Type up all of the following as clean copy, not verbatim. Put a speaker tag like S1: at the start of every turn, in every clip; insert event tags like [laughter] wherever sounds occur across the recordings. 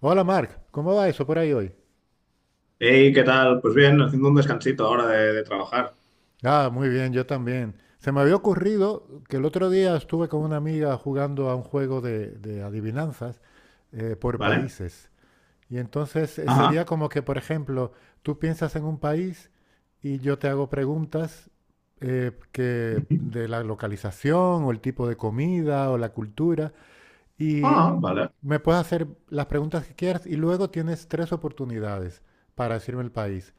S1: Hola Mark, ¿cómo va eso por ahí hoy?
S2: Hey, ¿qué tal? Pues bien, haciendo un descansito ahora de trabajar,
S1: Ah, muy bien, yo también. Se me había ocurrido que el otro día estuve con una amiga jugando a un juego de adivinanzas por
S2: ¿vale?
S1: países. Y entonces
S2: Ajá.
S1: sería como que, por ejemplo, tú piensas en un país y yo te hago preguntas, que de la localización o el tipo de comida o la cultura
S2: Ah,
S1: y
S2: vale,
S1: me puedes hacer las preguntas que quieras, y luego tienes tres oportunidades para decirme el país.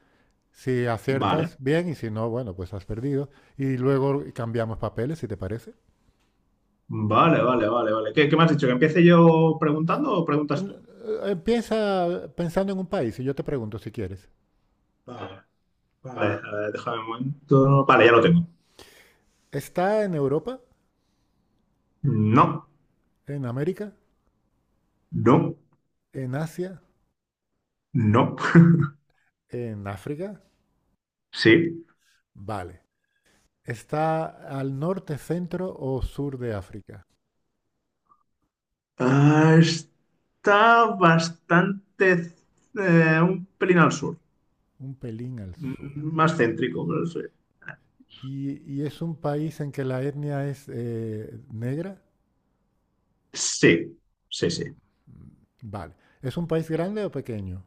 S1: Si aciertas,
S2: vale,
S1: bien, y si no, bueno, pues has perdido. Y luego cambiamos papeles, si te parece.
S2: vale, vale, vale, vale. ¿Qué me has dicho? ¿Que empiece yo preguntando o preguntas
S1: N-
S2: tú?
S1: Empieza pensando en un país y yo te pregunto si quieres.
S2: Vale, vale, a ver, déjame un momento. Vale, ya lo tengo.
S1: ¿Está en Europa?
S2: No,
S1: ¿En América?
S2: no,
S1: ¿En Asia?
S2: no. [laughs]
S1: ¿En África?
S2: Sí.
S1: Vale. ¿Está al norte, centro o sur de África?
S2: Ah, está bastante, un pelín al sur.
S1: Un pelín al sur.
S2: Más céntrico, pero sí.
S1: Y es un país en que la etnia es negra?
S2: Sí, sí, sí.
S1: Vale. ¿Es un país grande o pequeño?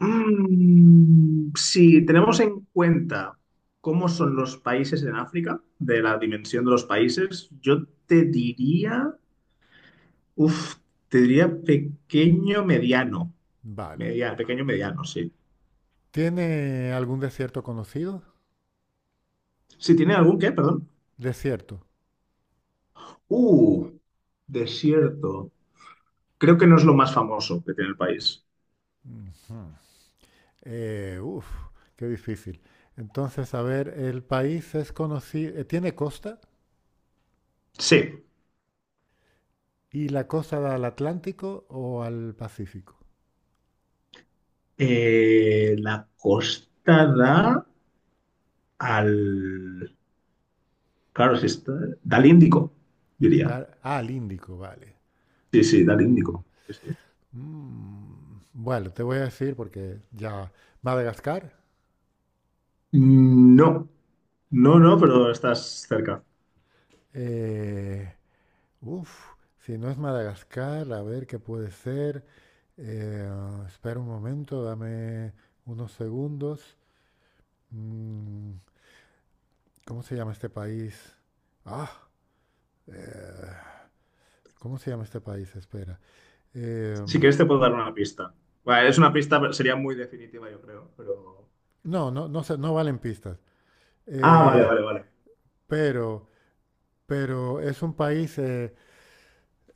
S2: Mm, si tenemos en cuenta cómo son los países en África, de la dimensión de los países, yo te diría, uff, te diría pequeño mediano.
S1: Vale.
S2: Media- pequeño mediano, sí.
S1: ¿Tiene algún desierto conocido?
S2: Si tiene algún qué, perdón.
S1: Desierto.
S2: Uh, desierto. Creo que no es lo más famoso que tiene el país.
S1: Ujú. Eh, uf, qué difícil. Entonces, a ver, ¿el país es conocido, tiene costa?
S2: Sí.
S1: ¿Y la costa da al Atlántico o al Pacífico?
S2: La costa da al. Claro, sí está. Da al Índico, diría.
S1: Da- ah, al Índico, vale.
S2: Sí, sí, del
S1: Mm,
S2: Índico. Sí, sí.
S1: mm. Bueno, te voy a decir porque ya, Madagascar.
S2: No, no, no, pero estás cerca.
S1: eh, si no es Madagascar, a ver qué puede ser. Eh, espera un momento, dame unos segundos. Mm, ¿Cómo se llama este país? Ah, eh, ¿Cómo se llama este país? Espera. Eh,
S2: Si quieres te puedo dar una pista. Bueno, es una pista, pero sería muy definitiva, yo creo, pero...
S1: no, no, no sé, no valen pistas.
S2: Ah, vale,
S1: Eh,
S2: vale, vale.
S1: pero, pero es un país.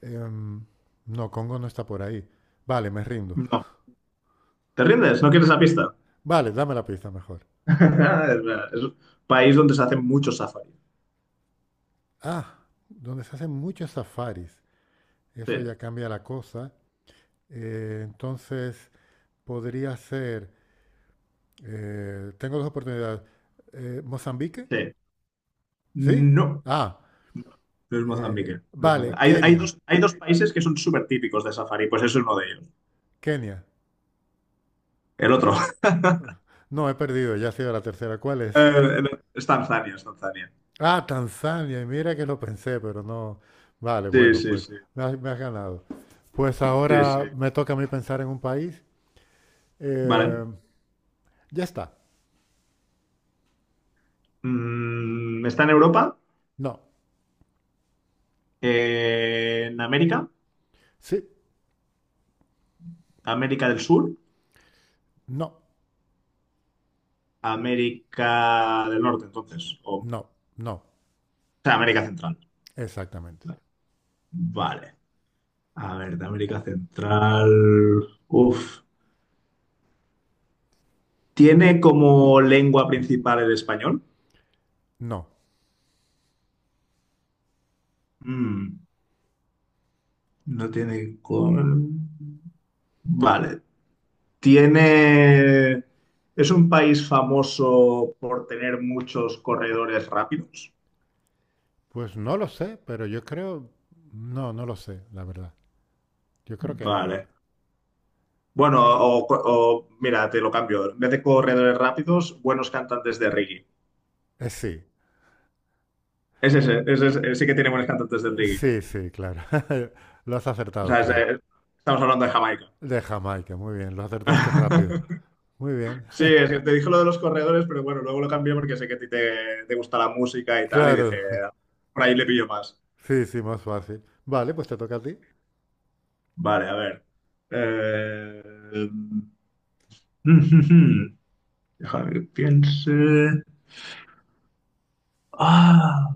S1: em, no, Congo no está por ahí. Vale, me rindo.
S2: No, ¿te rindes? ¿No quieres la pista?
S1: Vale, dame la pista mejor.
S2: [laughs] Es verdad, es un país donde se hacen muchos safaris.
S1: Ah, donde se hacen muchos safaris. Eso
S2: Sí,
S1: ya cambia la cosa. Entonces, podría ser. Tengo dos oportunidades. ¿Mozambique?
S2: sí.
S1: ¿Sí?
S2: No,
S1: Ah,
S2: no es Mozambique. No es Mozambique.
S1: Vale,
S2: Hay
S1: Kenia,
S2: dos, hay dos países que son súper típicos de safari, pues eso es uno de ellos.
S1: Kenia.
S2: El otro. [laughs]
S1: No, he perdido, ya ha sido la tercera. ¿Cuál es?
S2: Eh, es Tanzania, es Tanzania.
S1: Ah, Tanzania. Y mira que lo pensé, pero no. Vale,
S2: Sí,
S1: bueno,
S2: sí,
S1: pues
S2: sí,
S1: me has ganado. Pues
S2: sí, sí.
S1: ahora me toca a mí pensar en un país.
S2: Vale.
S1: Eh, ya está.
S2: Mm, está en Europa,
S1: No.
S2: en América,
S1: Sí.
S2: América del Sur,
S1: No.
S2: América del Norte, entonces, o
S1: No. No.
S2: sea, América Central.
S1: Exactamente.
S2: Vale, a ver, de América Central. Uf, ¿tiene como lengua principal el español?
S1: No.
S2: Mm, no tiene con... Vale, tiene... ¿Es un país famoso por tener muchos corredores rápidos?
S1: Pues no lo sé, pero yo creo... No, no lo sé, la verdad. Yo creo que...
S2: Vale. Bueno, o- mira, te lo cambio. En vez de corredores rápidos, buenos cantantes de reggae.
S1: sí.
S2: Es ese, sí que tiene buenos cantantes de reggae.
S1: Sí, sí, claro. [laughs] Lo has
S2: O
S1: acertado,
S2: sea, es,
S1: creo.
S2: estamos hablando de Jamaica.
S1: De Jamaica, muy bien, lo acertaste rápido. Muy
S2: [laughs]
S1: bien.
S2: Sí, es que te dije lo de los corredores, pero bueno, luego lo cambié porque sé que a ti te gusta la música y tal, y dije,
S1: Claro,
S2: por ahí le pillo más.
S1: [laughs] sí, sí, más fácil. Vale, pues te toca a ti.
S2: Vale, a ver. Eh, [laughs] Déjame que piense. Ah,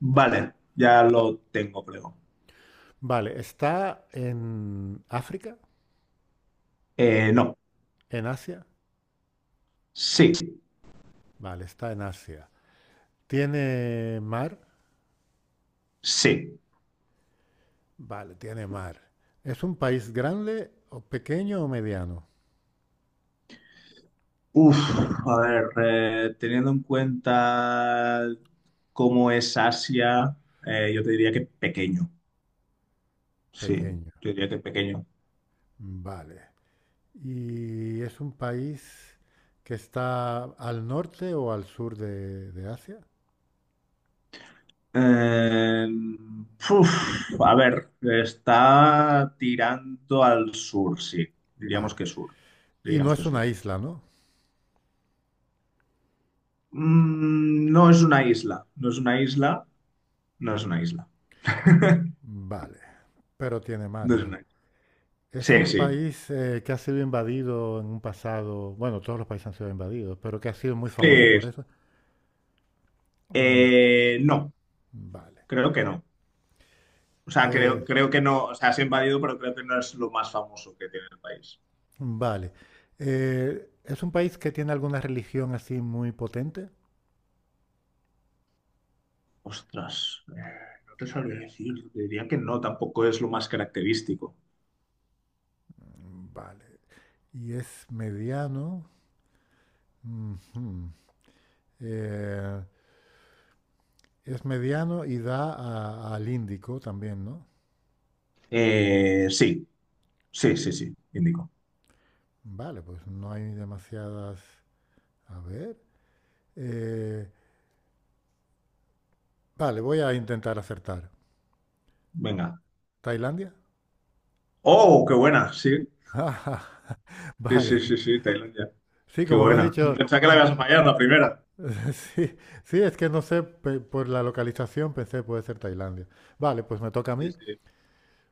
S2: vale, ya lo tengo, creo.
S1: Vale, ¿está en África?
S2: No,
S1: ¿En Asia?
S2: sí.
S1: Vale, está en Asia. ¿Tiene mar?
S2: Sí.
S1: Vale, tiene mar. ¿Es un país grande o pequeño o mediano?
S2: Uf, a ver, teniendo en cuenta cómo es Asia, yo te diría que pequeño. Sí,
S1: Pequeño.
S2: yo diría que pequeño.
S1: Vale. ¿Y es un país que está al norte o al sur de Asia?
S2: Eh, Uf, a ver, está tirando al sur, sí. Diríamos
S1: Vale.
S2: que sur.
S1: Y no
S2: Diríamos que
S1: es una
S2: sur.
S1: isla, ¿no?
S2: Mm, no es una isla. No es una isla. No es una isla.
S1: Vale. Pero tiene mar,
S2: No es
S1: vale.
S2: una isla.
S1: Es
S2: Sí,
S1: un
S2: sí.
S1: país, que ha sido invadido en un pasado, bueno, todos los países han sido invadidos, pero que ha sido muy famoso por
S2: Sí.
S1: eso. Mm,
S2: No,
S1: vale.
S2: creo que no. O sea,
S1: Eh,
S2: creo que no, o sea, es invadido, pero creo que no es lo más famoso que tiene el país.
S1: vale. ¿Es un país que tiene alguna religión así muy potente?
S2: Ostras, no te sabría decir, te diría que no, tampoco es lo más característico.
S1: Mm, vale. Y es mediano. Ujú. Eh, es mediano y da al Índico también, ¿no?
S2: Sí, sí, sí, sí, indico.
S1: Vale, pues no hay demasiadas... A ver. Eh, vale, voy a intentar acertar.
S2: Venga.
S1: ¿Tailandia?
S2: Oh, qué buena, sí,
S1: Ah, [laughs]
S2: sí,
S1: vale.
S2: sí, sí, sí, Tailandia.
S1: Sí,
S2: Qué
S1: como me has
S2: buena.
S1: dicho,
S2: Pensaba que la
S1: mm,
S2: ibas a fallar la primera.
S1: [laughs] sí, sí, es que no sé, por la localización pensé puede ser Tailandia. Vale, pues me toca a
S2: Sí,
S1: mí.
S2: sí.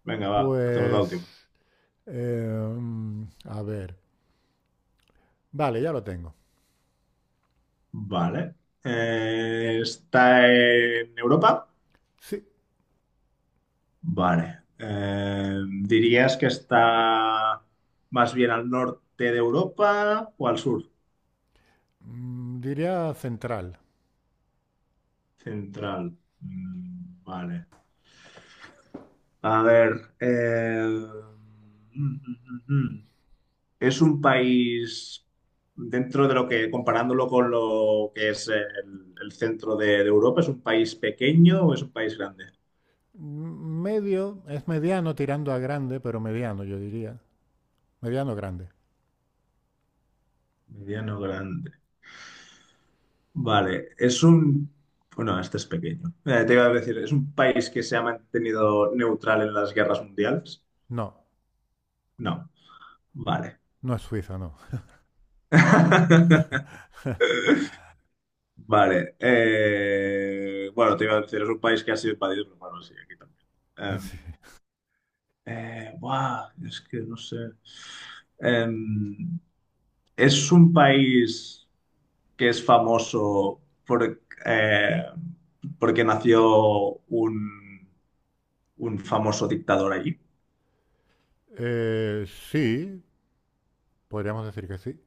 S2: Venga, va, hacemos la última.
S1: Pues, eh, a ver, vale, ya lo tengo.
S2: Vale. ¿Está en Europa?
S1: Sí,
S2: Vale. ¿Dirías que está más bien al norte de Europa o al sur?
S1: diría central.
S2: Central. Mm, vale. A ver. Mm, mm, mm, mm. Es un país dentro de lo que, comparándolo con lo que es el centro de Europa, ¿es un país pequeño o es un país grande?
S1: Mm, medio, es mediano tirando a grande, pero mediano yo diría. Mediano grande.
S2: Mediano grande. Vale, es un... Bueno, este es pequeño. Te iba a decir, ¿es un país que se ha mantenido neutral en las guerras mundiales?
S1: No,
S2: No. Vale.
S1: no es Suiza, no.
S2: [laughs] Vale. Bueno, te iba a decir, es un país que ha sido invadido, pero bueno, sí, aquí también.
S1: [laughs] Sí,
S2: Em, buah, es que no sé. Em, es un país que es famoso por, eh, porque nació un, un famoso dictador allí.
S1: Sí, podríamos decir que sí.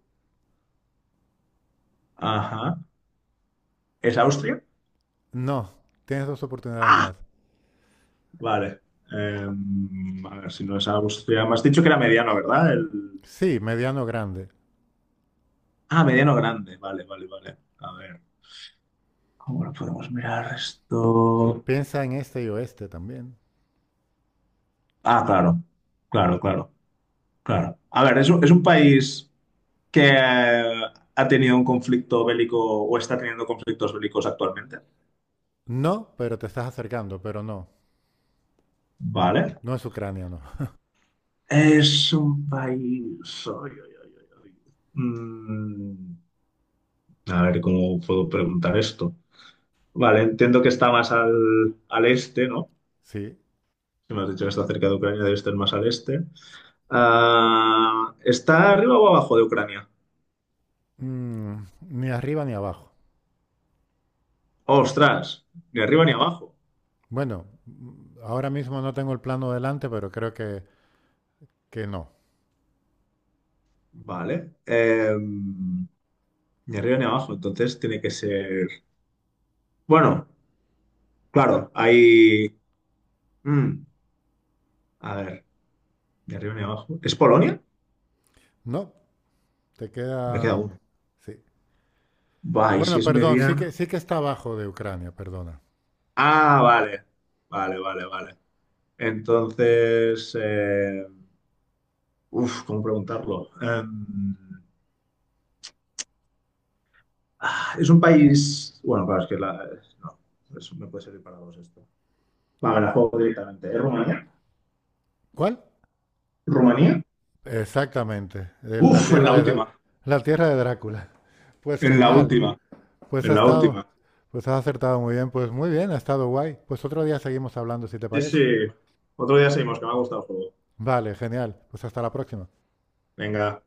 S2: Ajá. ¿Es Austria?
S1: No, tienes dos oportunidades
S2: ¡Ah!
S1: más.
S2: Vale. Em, a ver, si no es Austria. Me has dicho que era mediano, ¿verdad? El...
S1: Sí, mediano grande.
S2: Ah, mediano grande. Vale, vale, vale. A ver. ¿Cómo lo podemos mirar esto?
S1: Piensa en este y oeste también.
S2: Ah, claro. Claro, claro, claro. A ver, es un país que ha tenido un conflicto bélico o está teniendo conflictos bélicos actualmente.
S1: No, pero te estás acercando, pero no.
S2: Vale.
S1: No es Ucrania, no.
S2: Es un país. Ay, ay, ay, ay, ay. Mm, a ver, ¿cómo puedo preguntar esto? Vale, entiendo que está más al este, ¿no?
S1: Sí.
S2: Si me has dicho que está cerca de Ucrania, debe estar más al este. Ah, ¿está arriba o abajo de Ucrania?
S1: Mm, ni arriba ni abajo.
S2: ¡Ostras! Ni arriba ni abajo.
S1: Bueno, ahora mismo no tengo el plano delante, pero creo que no.
S2: Vale. Em, ni arriba ni abajo, entonces tiene que ser... Bueno, claro, hay... mm, a ver, ni arriba ni abajo. ¿Es Polonia?
S1: No, te
S2: Me queda
S1: queda.
S2: uno.
S1: Sí.
S2: Va, y si
S1: Bueno,
S2: es
S1: perdón,
S2: mediano...
S1: sí que está abajo de Ucrania, perdona.
S2: Ah, vale. Vale, vale, vale. Entonces... em, Uf, ¿cómo preguntarlo? Em, ah, es un país. Bueno, claro, es que la. No, eso me puede servir para dos esto. Vale, la juego directamente. ¿Es Rumanía?
S1: ¿Cuál?
S2: ¿Rumanía?
S1: Exactamente, la
S2: Uf, en
S1: tierra
S2: la
S1: de,
S2: última.
S1: la tierra de Drácula. Pues
S2: En la
S1: genial.
S2: última.
S1: Pues
S2: En
S1: ha
S2: la
S1: estado,
S2: última.
S1: pues has acertado muy bien, pues muy bien, ha estado guay. Pues otro día seguimos hablando, si te
S2: Sí, sí.
S1: parece.
S2: Otro día seguimos, que me ha gustado el juego.
S1: Vale, genial. Pues hasta la próxima.
S2: Venga.